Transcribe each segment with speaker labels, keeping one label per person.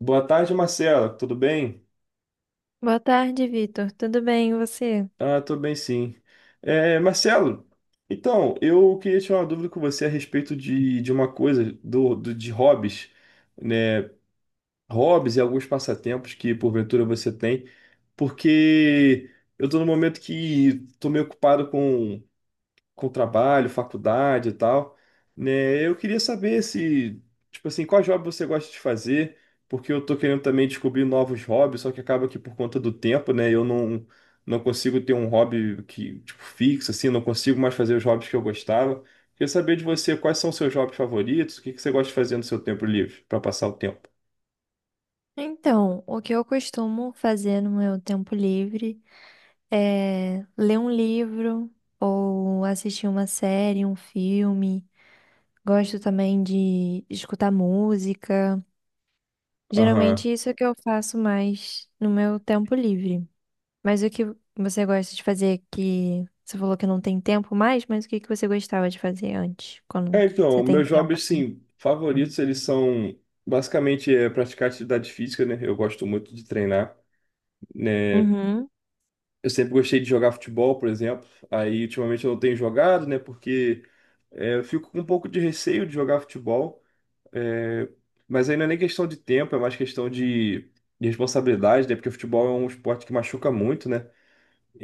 Speaker 1: Boa tarde, Marcelo. Tudo bem?
Speaker 2: Boa tarde, Vitor. Tudo bem, e você?
Speaker 1: Tô bem, sim. Marcelo, eu queria tirar uma dúvida com você a respeito de uma coisa, de hobbies, né? Hobbies e alguns passatempos que, porventura, você tem, porque eu tô num momento que tô meio ocupado com trabalho, faculdade e tal, né? Eu queria saber se, tipo assim, qual hobby você gosta de fazer, porque eu tô querendo também descobrir novos hobbies, só que acaba que por conta do tempo, né, eu não consigo ter um hobby que, tipo, fixo assim, não consigo mais fazer os hobbies que eu gostava. Queria saber de você quais são os seus hobbies favoritos, o que que você gosta de fazer no seu tempo livre para passar o tempo.
Speaker 2: Então, o que eu costumo fazer no meu tempo livre é ler um livro ou assistir uma série, um filme. Gosto também de escutar música.
Speaker 1: Aham.
Speaker 2: Geralmente isso é o que eu faço mais no meu tempo livre. Mas o que você gosta de fazer que você falou que não tem tempo mais, mas o que você gostava de fazer antes, quando você tem
Speaker 1: Meus
Speaker 2: tempo
Speaker 1: hobbies,
Speaker 2: assim?
Speaker 1: sim, favoritos, eles são basicamente praticar atividade física, né? Eu gosto muito de treinar, né?
Speaker 2: Uhum.
Speaker 1: Eu sempre gostei de jogar futebol, por exemplo. Aí, ultimamente, eu não tenho jogado, né? Porque eu fico com um pouco de receio de jogar futebol. É, mas aí não é nem questão de tempo, é mais questão de responsabilidade, né? Porque o futebol é um esporte que machuca muito, né?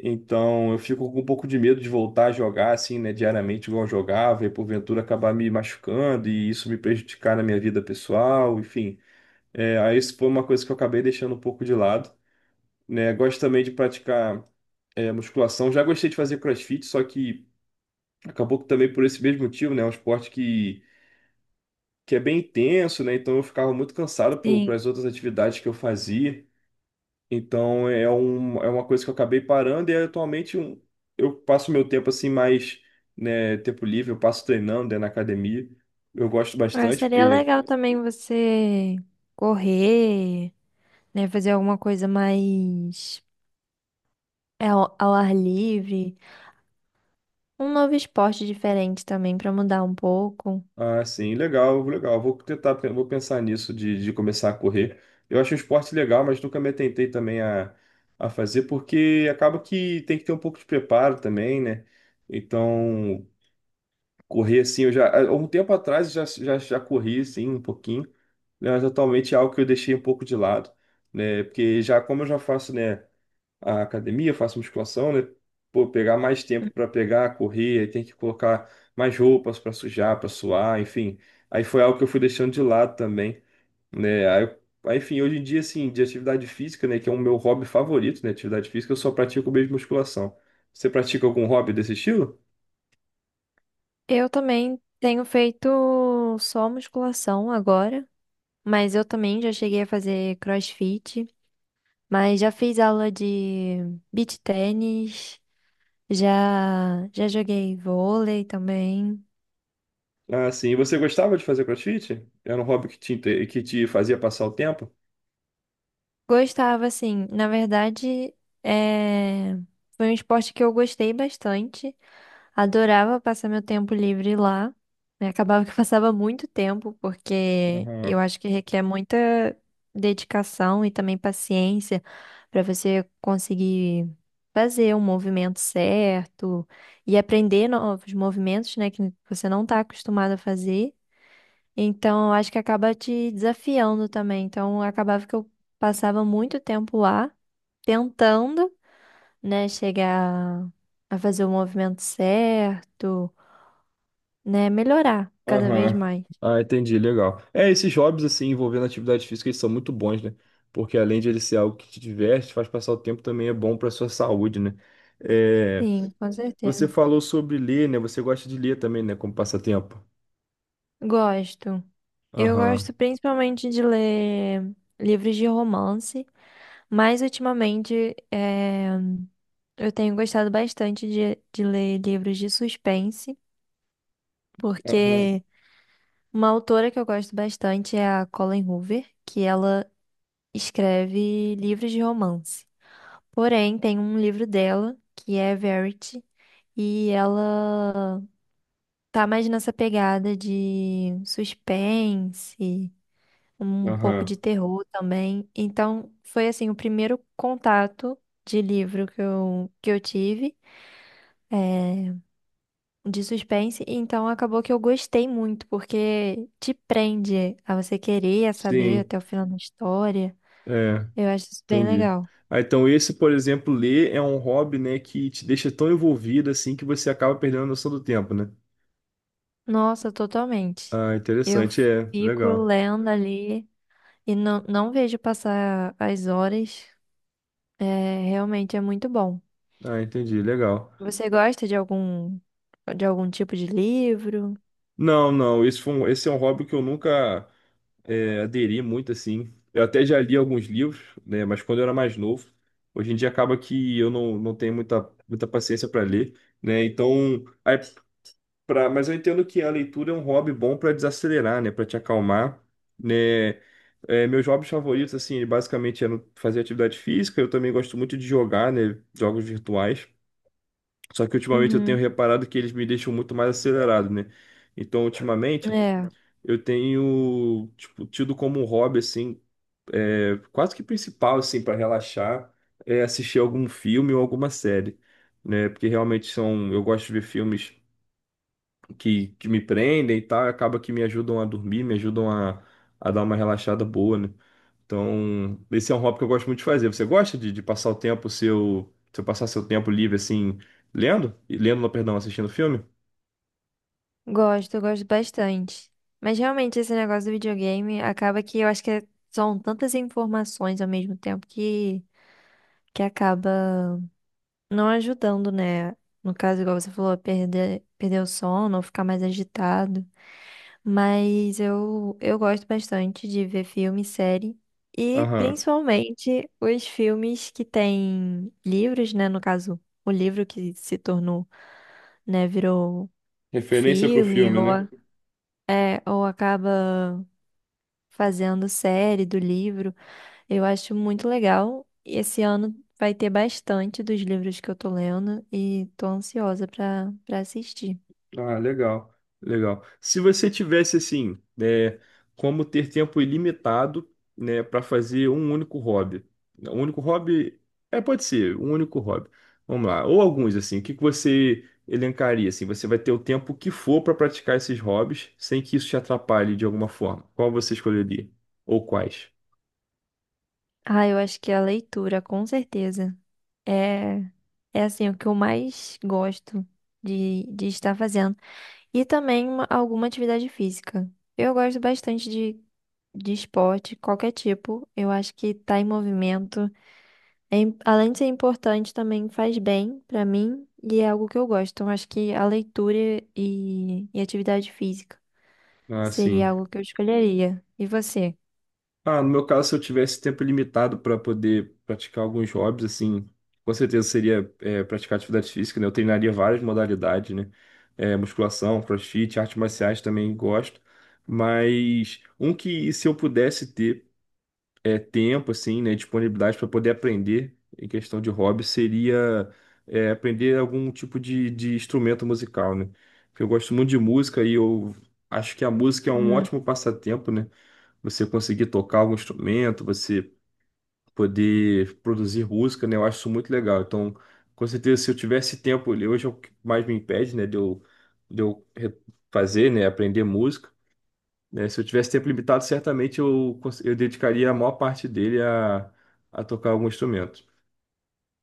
Speaker 1: Então, eu fico com um pouco de medo de voltar a jogar, assim, né? Diariamente, igual eu jogava, e porventura acabar me machucando e isso me prejudicar na minha vida pessoal, enfim. É, aí, isso foi uma coisa que eu acabei deixando um pouco de lado. Né? Gosto também de praticar musculação. Já gostei de fazer CrossFit, só que acabou que também por esse mesmo motivo, né? É um esporte que é bem intenso, né? Então eu ficava muito cansado para
Speaker 2: Sim.
Speaker 1: as outras atividades que eu fazia. Então é uma coisa que eu acabei parando e atualmente eu passo meu tempo assim mais, né, tempo livre, eu passo treinando, né, na academia. Eu gosto
Speaker 2: Ah,
Speaker 1: bastante
Speaker 2: seria
Speaker 1: porque
Speaker 2: legal também você correr, né? Fazer alguma coisa mais ao, ao ar livre. Um novo esporte diferente também pra mudar um pouco.
Speaker 1: Ah, sim, legal, legal. Vou pensar nisso de começar a correr. Eu acho o esporte legal, mas nunca me atentei também a fazer, porque acaba que tem que ter um pouco de preparo também, né? Então, correr assim, eu já, há um tempo atrás eu já corri assim um pouquinho, né? Mas atualmente é algo que eu deixei um pouco de lado, né? Porque já, como eu já faço, né? A academia, faço musculação, né? Pô, pegar mais tempo para pegar, correr, aí tem que colocar mais roupas para sujar, para suar, enfim. Aí foi algo que eu fui deixando de lado também, né? Aí, enfim, hoje em dia, assim, de atividade física, né, que é o meu hobby favorito, né? Atividade física, eu só pratico mesmo musculação. Você pratica algum hobby desse estilo?
Speaker 2: Eu também tenho feito só musculação agora, mas eu também já cheguei a fazer CrossFit, mas já fiz aula de beach tennis, já joguei vôlei também.
Speaker 1: Ah, sim. E você gostava de fazer CrossFit? Era um hobby que te fazia passar o tempo?
Speaker 2: Gostava, assim. Na verdade, é, foi um esporte que eu gostei bastante. Adorava passar meu tempo livre lá, né? Acabava que eu passava muito tempo, porque eu
Speaker 1: Aham.
Speaker 2: acho que requer muita dedicação e também paciência para você conseguir fazer um movimento certo e aprender novos movimentos, né, que você não está acostumado a fazer. Então, eu acho que acaba te desafiando também. Então, acabava que eu passava muito tempo lá tentando, né, chegar a fazer o movimento certo, né, melhorar cada vez
Speaker 1: Aham.
Speaker 2: mais.
Speaker 1: Ah, entendi, legal. É, esses hobbies, assim, envolvendo atividade física, eles são muito bons, né? Porque além de ele ser algo que te diverte, faz passar o tempo, também é bom para sua saúde, né? É,
Speaker 2: Sim, com
Speaker 1: você
Speaker 2: certeza.
Speaker 1: falou sobre ler, né? Você gosta de ler também, né? Como passatempo.
Speaker 2: Gosto. Eu
Speaker 1: Aham,
Speaker 2: gosto principalmente de ler livros de romance, mas ultimamente eu tenho gostado bastante de ler livros de suspense,
Speaker 1: aham,
Speaker 2: porque uma autora que eu gosto bastante é a Colleen Hoover, que ela escreve livros de romance. Porém, tem um livro dela que é Verity, e ela tá mais nessa pegada de suspense, um pouco
Speaker 1: aham.
Speaker 2: de terror também. Então, foi assim o primeiro contato de livro que eu tive. É, de suspense, e então acabou que eu gostei muito, porque te prende a você querer saber
Speaker 1: Sim,
Speaker 2: até o final da história.
Speaker 1: é,
Speaker 2: Eu acho isso bem
Speaker 1: entendi.
Speaker 2: legal.
Speaker 1: Ah, então esse, por exemplo, ler é um hobby, né, que te deixa tão envolvido, assim, que você acaba perdendo a noção do tempo, né?
Speaker 2: Nossa, totalmente.
Speaker 1: Ah,
Speaker 2: Eu
Speaker 1: interessante, é,
Speaker 2: fico
Speaker 1: legal.
Speaker 2: lendo ali e não vejo passar as horas. É, realmente é muito bom.
Speaker 1: Ah, entendi, legal.
Speaker 2: Você gosta de algum tipo de livro?
Speaker 1: Não, não, esse foi um- Esse é um hobby que eu nunca aderi muito assim. Eu até já li alguns livros, né, mas quando eu era mais novo. Hoje em dia acaba que eu não tenho muita paciência para ler, né? Então, mas eu entendo que a leitura é um hobby bom para desacelerar, né, para te acalmar, né? É, meus hobbies favoritos assim, basicamente é fazer atividade física, eu também gosto muito de jogar, né, jogos virtuais. Só que ultimamente eu tenho
Speaker 2: Uhum.
Speaker 1: reparado que eles me deixam muito mais acelerado, né? Então, ultimamente
Speaker 2: É.
Speaker 1: eu tenho, tipo, tido como um hobby, assim, quase que principal, assim, para relaxar, é assistir algum filme ou alguma série, né? Porque realmente são, eu gosto de ver filmes que me prendem e tal, e acaba que me ajudam a dormir, me ajudam a dar uma relaxada boa, né? Então, esse é um hobby que eu gosto muito de fazer. Você gosta de passar o tempo seu, seu passar seu tempo livre, assim, lendo? Lendo, não, perdão, assistindo filme?
Speaker 2: Gosto, eu gosto bastante. Mas realmente esse negócio do videogame acaba que eu acho que é- são tantas informações ao mesmo tempo que acaba não ajudando, né? No caso, igual você falou, perder o sono ou ficar mais agitado. Mas eu gosto bastante de ver filme, série. E
Speaker 1: Aham.
Speaker 2: principalmente os filmes que têm livros, né? No caso, o livro que se tornou, né, virou
Speaker 1: Referência pro
Speaker 2: filme
Speaker 1: filme,
Speaker 2: ou
Speaker 1: né?
Speaker 2: ou acaba fazendo série do livro. Eu acho muito legal. E esse ano vai ter bastante dos livros que eu tô lendo e tô ansiosa pra para assistir.
Speaker 1: Ah, legal, legal. Se você tivesse assim, né, como ter tempo ilimitado, né, para fazer um único hobby, né, um único hobby, pode ser um único hobby. Vamos lá, ou alguns assim. O que que você elencaria assim? Você vai ter o tempo que for para praticar esses hobbies, sem que isso te atrapalhe de alguma forma. Qual você escolheria? Ou quais?
Speaker 2: Ah, eu acho que a leitura, com certeza, é é assim o que eu mais gosto de estar fazendo. E também alguma atividade física. Eu gosto bastante de esporte, qualquer tipo. Eu acho que tá em movimento. Além de ser importante, também faz bem pra mim e é algo que eu gosto. Então, acho que a leitura e atividade física
Speaker 1: Ah, sim.
Speaker 2: seria algo que eu escolheria. E você?
Speaker 1: Ah, no meu caso, se eu tivesse tempo limitado para poder praticar alguns hobbies, assim, com certeza seria praticar atividade física, né? Eu treinaria várias modalidades, né? É, musculação, crossfit, artes marciais também gosto. Mas um que, se eu pudesse ter tempo, assim, né? Disponibilidade para poder aprender em questão de hobby, seria aprender algum tipo de instrumento musical, né? Porque eu gosto muito de música e eu acho que a música é um
Speaker 2: Uhum.
Speaker 1: ótimo passatempo, né? Você conseguir tocar algum instrumento, você poder produzir música, né? Eu acho isso muito legal. Então, com certeza, se eu tivesse tempo, hoje é o que mais me impede, né, de eu re- fazer, né, aprender música, né? Se eu tivesse tempo limitado, certamente eu dedicaria a maior parte dele a tocar algum instrumento.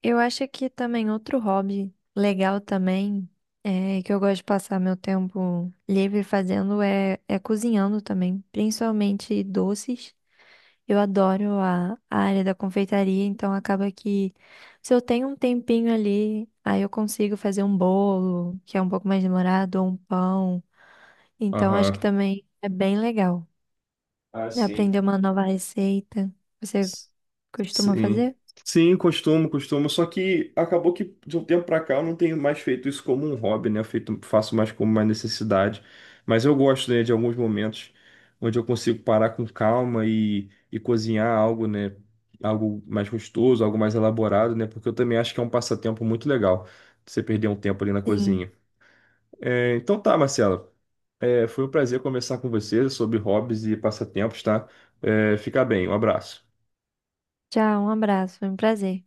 Speaker 2: Eu acho que também outro hobby legal também, é, que eu gosto de passar meu tempo livre fazendo é, é cozinhando também, principalmente doces. Eu adoro a área da confeitaria, então acaba que se eu tenho um tempinho ali, aí eu consigo fazer um bolo, que é um pouco mais demorado, ou um pão. Então acho que
Speaker 1: Aham.
Speaker 2: também é bem legal
Speaker 1: Ah, sim.
Speaker 2: aprender uma nova receita. Você costuma
Speaker 1: Sim.
Speaker 2: fazer?
Speaker 1: Sim, costumo, costumo. Só que acabou que de um tempo pra cá eu não tenho mais feito isso como um hobby, né? Faço mais como uma necessidade. Mas eu gosto, né, de alguns momentos onde eu consigo parar com calma e cozinhar algo, né? Algo mais gostoso, algo mais elaborado, né? Porque eu também acho que é um passatempo muito legal você perder um tempo ali na
Speaker 2: Sim.
Speaker 1: cozinha. É, então tá, Marcelo. É, foi um prazer conversar com você sobre hobbies e passatempos, tá? É, fica bem, um abraço.
Speaker 2: Tchau, um abraço, foi um prazer.